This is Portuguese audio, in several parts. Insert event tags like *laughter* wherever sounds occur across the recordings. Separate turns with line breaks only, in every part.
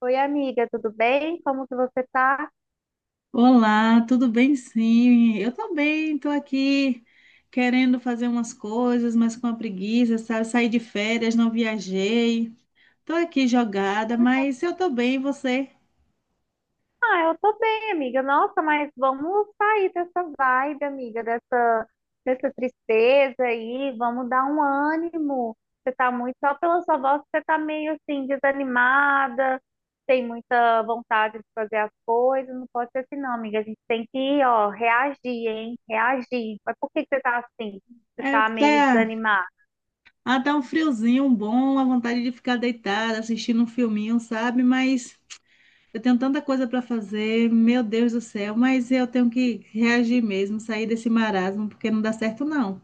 Oi, amiga, tudo bem? Como que você tá?
Olá, tudo bem? Sim, eu também estou aqui querendo fazer umas coisas, mas com a preguiça, sabe? Saí de férias, não viajei, estou aqui jogada, mas eu estou bem, e você?
Ah, eu tô bem, amiga. Nossa, mas vamos sair dessa vibe, amiga, dessa tristeza aí. Vamos dar um ânimo. Você tá muito, só pela sua voz, você tá meio assim, desanimada, tem muita vontade de fazer as coisas. Não pode ser assim, não, amiga. A gente tem que, ó, reagir, hein? Reagir. Mas por que que você tá assim? Você
É,
tá meio
tá,
desanimada?
tá um friozinho bom, a vontade de ficar deitada, assistindo um filminho, sabe? Mas eu tenho tanta coisa para fazer, meu Deus do céu, mas eu tenho que reagir mesmo, sair desse marasmo, porque não dá certo não.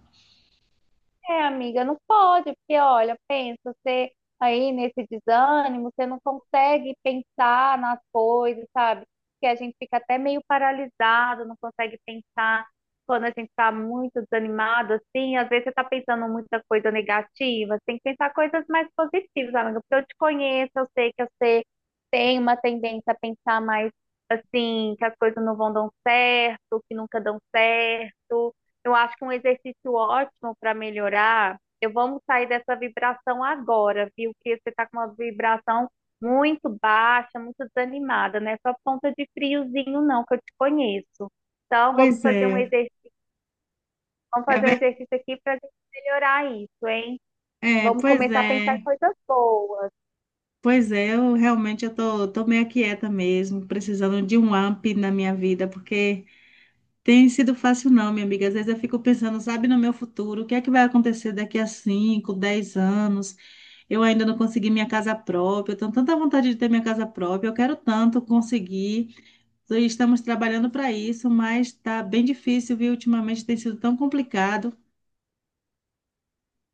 É, amiga, não pode, porque olha, pensa, você aí nesse desânimo, você não consegue pensar nas coisas, sabe? Que a gente fica até meio paralisado, não consegue pensar quando a gente tá muito desanimado, assim, às vezes você tá pensando muita coisa negativa, você tem que pensar coisas mais positivas, amiga, porque eu te conheço, eu sei que você tem uma tendência a pensar mais assim, que as coisas não vão dar certo, que nunca dão certo. Eu acho que um exercício ótimo para melhorar. Eu vamos sair dessa vibração agora, viu? Que você está com uma vibração muito baixa, muito desanimada, né? Só ponta de friozinho, não, que eu te conheço. Então,
Pois é,
vamos
é,
fazer um
ver-
exercício aqui para melhorar isso, hein?
é,
Vamos
pois
começar a pensar em
é.
coisas boas.
Pois é, eu realmente eu tô meio quieta mesmo, precisando de um up na minha vida, porque tem sido fácil não, minha amiga. Às vezes eu fico pensando, sabe, no meu futuro, o que é que vai acontecer daqui a 5 10 anos? Eu ainda não consegui minha casa própria, eu tenho tanta vontade de ter minha casa própria, eu quero tanto conseguir. E estamos trabalhando para isso, mas tá bem difícil, viu? Ultimamente tem sido tão complicado.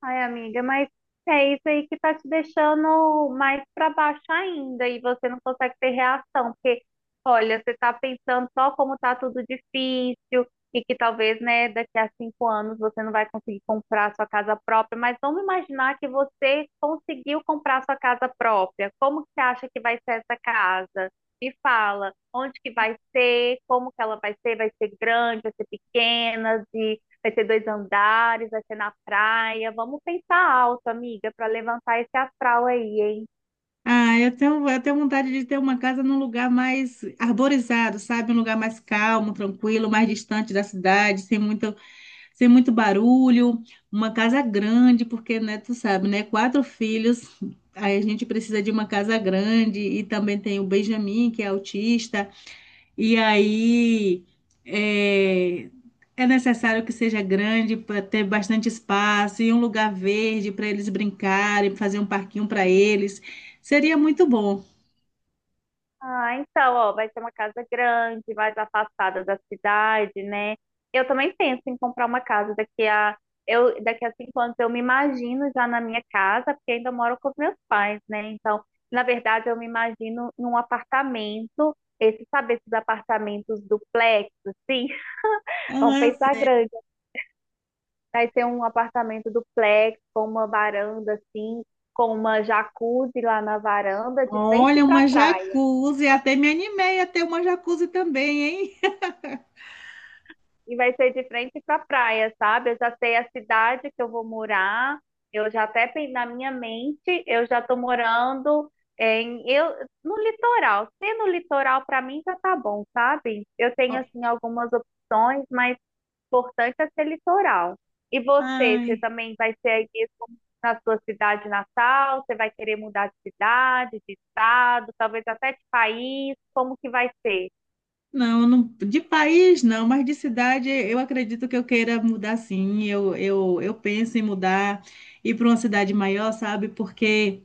Ai, amiga, mas é isso aí que tá te deixando mais para baixo ainda e você não consegue ter reação, porque olha, você tá pensando só como tá tudo difícil e que talvez, né, daqui a 5 anos você não vai conseguir comprar sua casa própria, mas vamos imaginar que você conseguiu comprar sua casa própria. Como que você acha que vai ser essa casa? Me fala, onde que vai ser, como que ela vai ser grande, vai ser pequena, de vai ter 2 andares, vai ser na praia. Vamos pensar alto, amiga, para levantar esse astral aí, hein?
Ah, eu tenho vontade de ter uma casa num lugar mais arborizado, sabe? Um lugar mais calmo, tranquilo, mais distante da cidade, sem muito barulho. Uma casa grande, porque, né, tu sabe, né? Quatro filhos, aí a gente precisa de uma casa grande. E também tem o Benjamin, que é autista. E aí é, é necessário que seja grande para ter bastante espaço e um lugar verde para eles brincarem, fazer um parquinho para eles. Seria muito bom.
Ah, então, ó, vai ser uma casa grande, mais afastada da cidade, né? Eu também penso em comprar uma casa daqui a eu daqui a 5 anos. Eu me imagino já na minha casa, porque ainda moro com os meus pais, né? Então, na verdade, eu me imagino num apartamento. Esse, sabe, esses apartamentos duplex, assim, *laughs* vamos
Ah,
pensar grande. Vai ter um apartamento duplex com uma varanda assim, com uma jacuzzi lá na varanda, de frente
olha,
pra
uma
praia.
jacuzzi, até me animei a ter uma jacuzzi também, hein?
E vai ser de frente pra praia, sabe? Eu já sei a cidade que eu vou morar. Eu já até na minha mente, eu já tô morando em eu no litoral. Ser no litoral pra mim já tá bom, sabe? Eu
Ó,
tenho assim algumas opções, mas importante é ser litoral. E você, você
ai,
também vai ser aí mesmo na sua cidade natal? Você vai querer mudar de cidade, de estado, talvez até de país? Como que vai ser?
de país não, mas de cidade eu acredito que eu queira mudar, sim. Eu penso em mudar, ir para uma cidade maior, sabe? Porque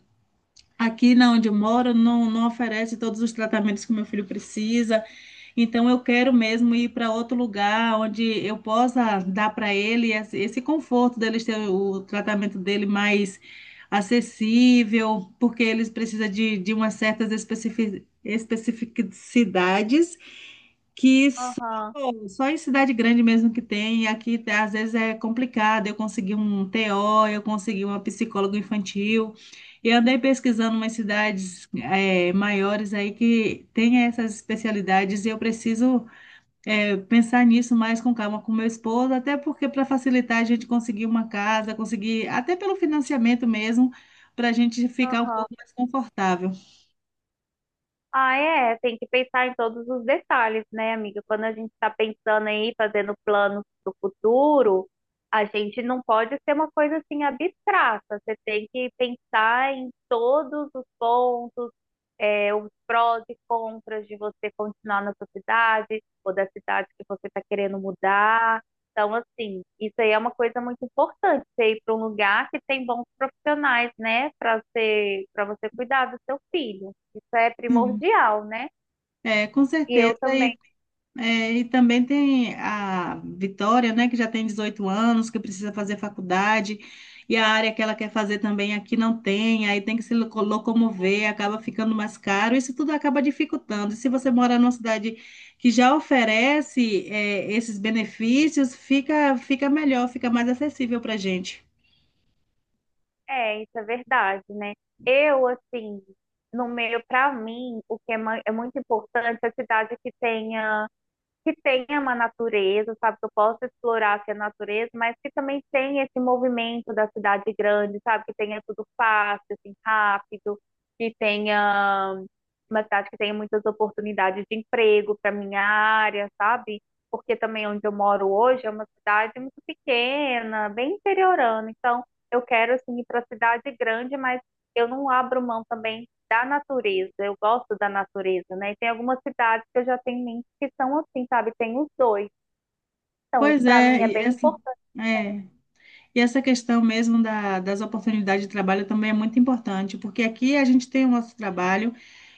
aqui na onde eu moro não oferece todos os tratamentos que meu filho precisa, então eu quero mesmo ir para outro lugar onde eu possa dar para ele esse conforto deles ter o tratamento dele mais acessível, porque eles precisam de umas certas especificidades que
Aham,
só em cidade grande mesmo que tem, e aqui às vezes é complicado. Eu consegui um TO, eu consegui uma psicóloga infantil, e andei pesquisando umas cidades maiores aí que tem essas especialidades, e eu preciso pensar nisso mais com calma com meu esposo, até porque para facilitar a gente conseguir uma casa, conseguir, até pelo financiamento mesmo, para a gente ficar um
aham.
pouco mais confortável.
Ah, é, tem que pensar em todos os detalhes, né, amiga? Quando a gente está pensando aí, fazendo planos do futuro, a gente não pode ser uma coisa assim abstrata. Você tem que pensar em todos os pontos, é, os prós e contras de você continuar na sua cidade ou da cidade que você está querendo mudar. Então, assim, isso aí é uma coisa muito importante, você ir para um lugar que tem bons profissionais, né, para você cuidar do seu filho. Isso é
Sim.
primordial, né?
É, com
E
certeza.
eu também,
e É, e também tem a Vitória, né, que já tem 18 anos, que precisa fazer faculdade, e a área que ela quer fazer também aqui não tem, aí tem que se locomover, acaba ficando mais caro, isso tudo acaba dificultando. E se você mora numa cidade que já oferece, é, esses benefícios, fica melhor, fica mais acessível para a gente.
é, isso é verdade, né? Eu, assim, no meio, para mim, o que é muito importante é a cidade que tenha uma natureza, sabe? Que eu possa explorar assim, a natureza, mas que também tenha esse movimento da cidade grande, sabe? Que tenha tudo fácil, assim, rápido, que tenha uma cidade que tenha muitas oportunidades de emprego para minha área, sabe? Porque também onde eu moro hoje é uma cidade muito pequena, bem interiorana. Então, eu quero assim ir para a cidade grande, mas eu não abro mão também da natureza, eu gosto da natureza, né? E tem algumas cidades que eu já tenho em mente que são assim, sabe? Tem os dois. Então, isso
Pois
para mim
é,
é
e
bem
essa.
importante.
É. E essa questão mesmo da, das oportunidades de trabalho também é muito importante, porque aqui a gente tem o nosso trabalho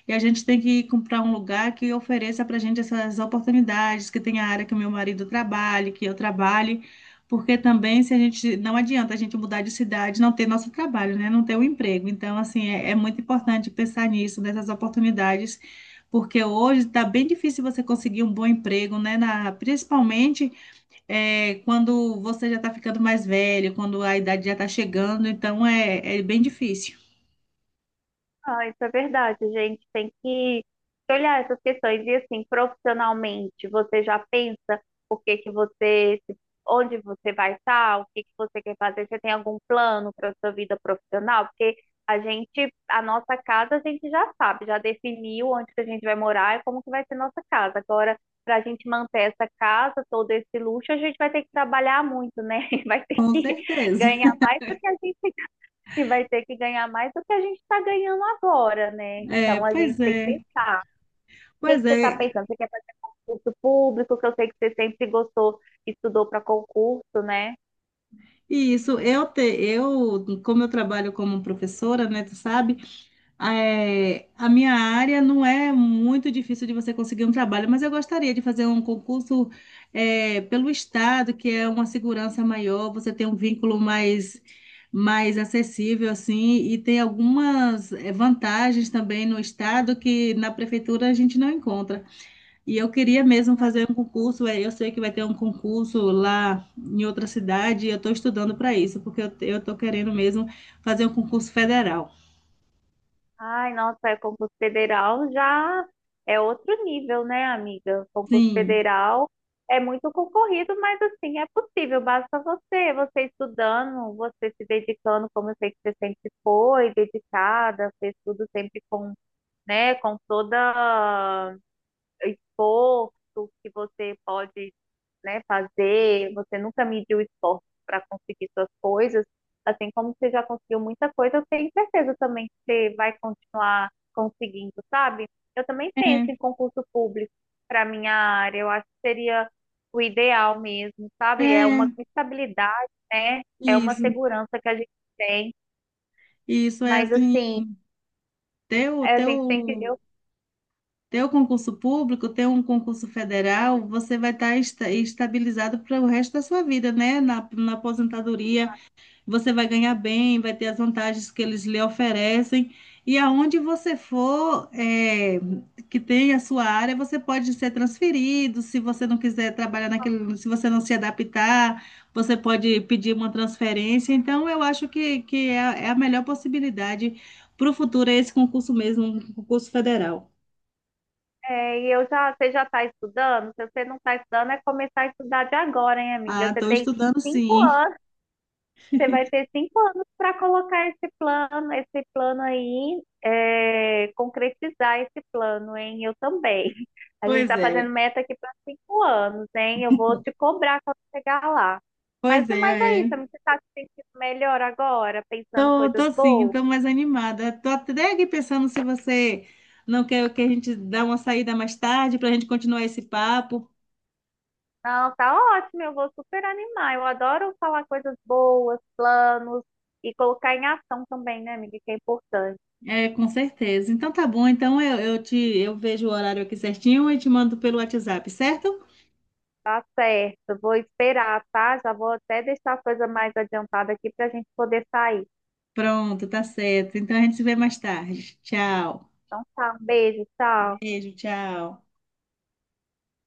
e a gente tem que comprar um lugar que ofereça para a gente essas oportunidades, que tenha a área que o meu marido trabalhe, que eu trabalhe, porque também se a gente não adianta a gente mudar de cidade, e não ter nosso trabalho, né? Não ter o emprego. Então, assim, é muito importante pensar nisso, nessas oportunidades, porque hoje está bem difícil você conseguir um bom emprego, né? Principalmente, é, quando você já está ficando mais velho, quando a idade já está chegando, então é bem difícil.
Ah, isso é verdade, gente. Tem que olhar essas questões. E assim, profissionalmente, você já pensa o que que você, onde você vai estar, o que que você quer fazer? Você tem algum plano para sua vida profissional? Porque a gente, a nossa casa, a gente já sabe, já definiu onde que a gente vai morar e como que vai ser nossa casa. Agora, para a gente manter essa casa, todo esse luxo, a gente vai ter que trabalhar muito, né? *laughs* Vai
*laughs*
ter
Com
que
certeza.
ganhar mais do que a gente que vai ter que ganhar mais do que a gente está ganhando agora, né?
É,
Então a gente
pois
tem que
é,
pensar. O que
pois
que você está
é.
pensando? Você quer fazer concurso público, que eu sei que você sempre gostou, estudou para concurso, né?
E isso, como eu trabalho como professora, né, tu sabe? É, a minha área não é muito difícil de você conseguir um trabalho, mas eu gostaria de fazer um concurso, é, pelo Estado, que é uma segurança maior, você tem um vínculo mais acessível, assim, e tem algumas, é, vantagens também no Estado que na prefeitura a gente não encontra. E eu queria mesmo fazer um concurso, é, eu sei que vai ter um concurso lá em outra cidade, e eu estou estudando para isso, porque eu estou querendo mesmo fazer um concurso federal.
Ai, nossa, é concurso federal já é outro nível, né, amiga? Concurso
Sim.
federal é muito concorrido, mas assim, é possível, basta você, estudando, você se dedicando, como eu sei que você sempre foi, dedicada, fez tudo sempre com, né, com toda esforço que você pode, né, fazer, você nunca mediu esforço para conseguir suas coisas, assim como você já conseguiu muita coisa, eu tenho certeza também que você vai continuar conseguindo, sabe? Eu também penso em
É.
concurso público para minha área, eu acho que seria o ideal mesmo, sabe? É
É,
uma estabilidade, né? É uma
isso,
segurança que a gente tem,
isso é
mas assim,
assim, teu,
a gente tem que
teu,
eu
teu concurso público, teu um concurso federal, você vai estar estabilizado para o resto da sua vida, né? Na aposentadoria. Você vai ganhar bem, vai ter as vantagens que eles lhe oferecem. E aonde você for, é, que tem a sua área, você pode ser transferido. Se você não quiser trabalhar naquele, se você não se adaptar, você pode pedir uma transferência. Então, eu acho que é, é a melhor possibilidade para o futuro, é esse concurso mesmo, um concurso federal.
é, e eu já, você já está estudando? Se você não está estudando, é começar a estudar de agora, hein, amiga?
Ah,
Você
estou
tem
estudando
cinco
sim.
anos, para colocar esse plano aí, é, concretizar esse plano, hein? Eu também. *laughs* A gente
Pois
está fazendo
é,
meta aqui para 5 anos, hein? Eu vou te cobrar quando chegar lá. Mas
pois
no mais é
é.
isso,
É.
amiga. Você está se sentindo melhor agora, pensando
Tô,
coisas
tô sim,
boas?
tô mais animada. Tô até aqui pensando se você não quer que a gente dê uma saída mais tarde para a gente continuar esse papo.
Não, tá ótimo, eu vou super animar. Eu adoro falar coisas boas, planos e colocar em ação também, né, amiga, que é importante.
É, com certeza. Então tá bom. Então eu vejo o horário aqui certinho e te mando pelo WhatsApp, certo?
Tá certo, vou esperar, tá? Já vou até deixar a coisa mais adiantada aqui pra gente poder sair.
Pronto, tá certo. Então a gente se vê mais tarde. Tchau.
Então tá, um beijo, tchau.
Beijo, tchau.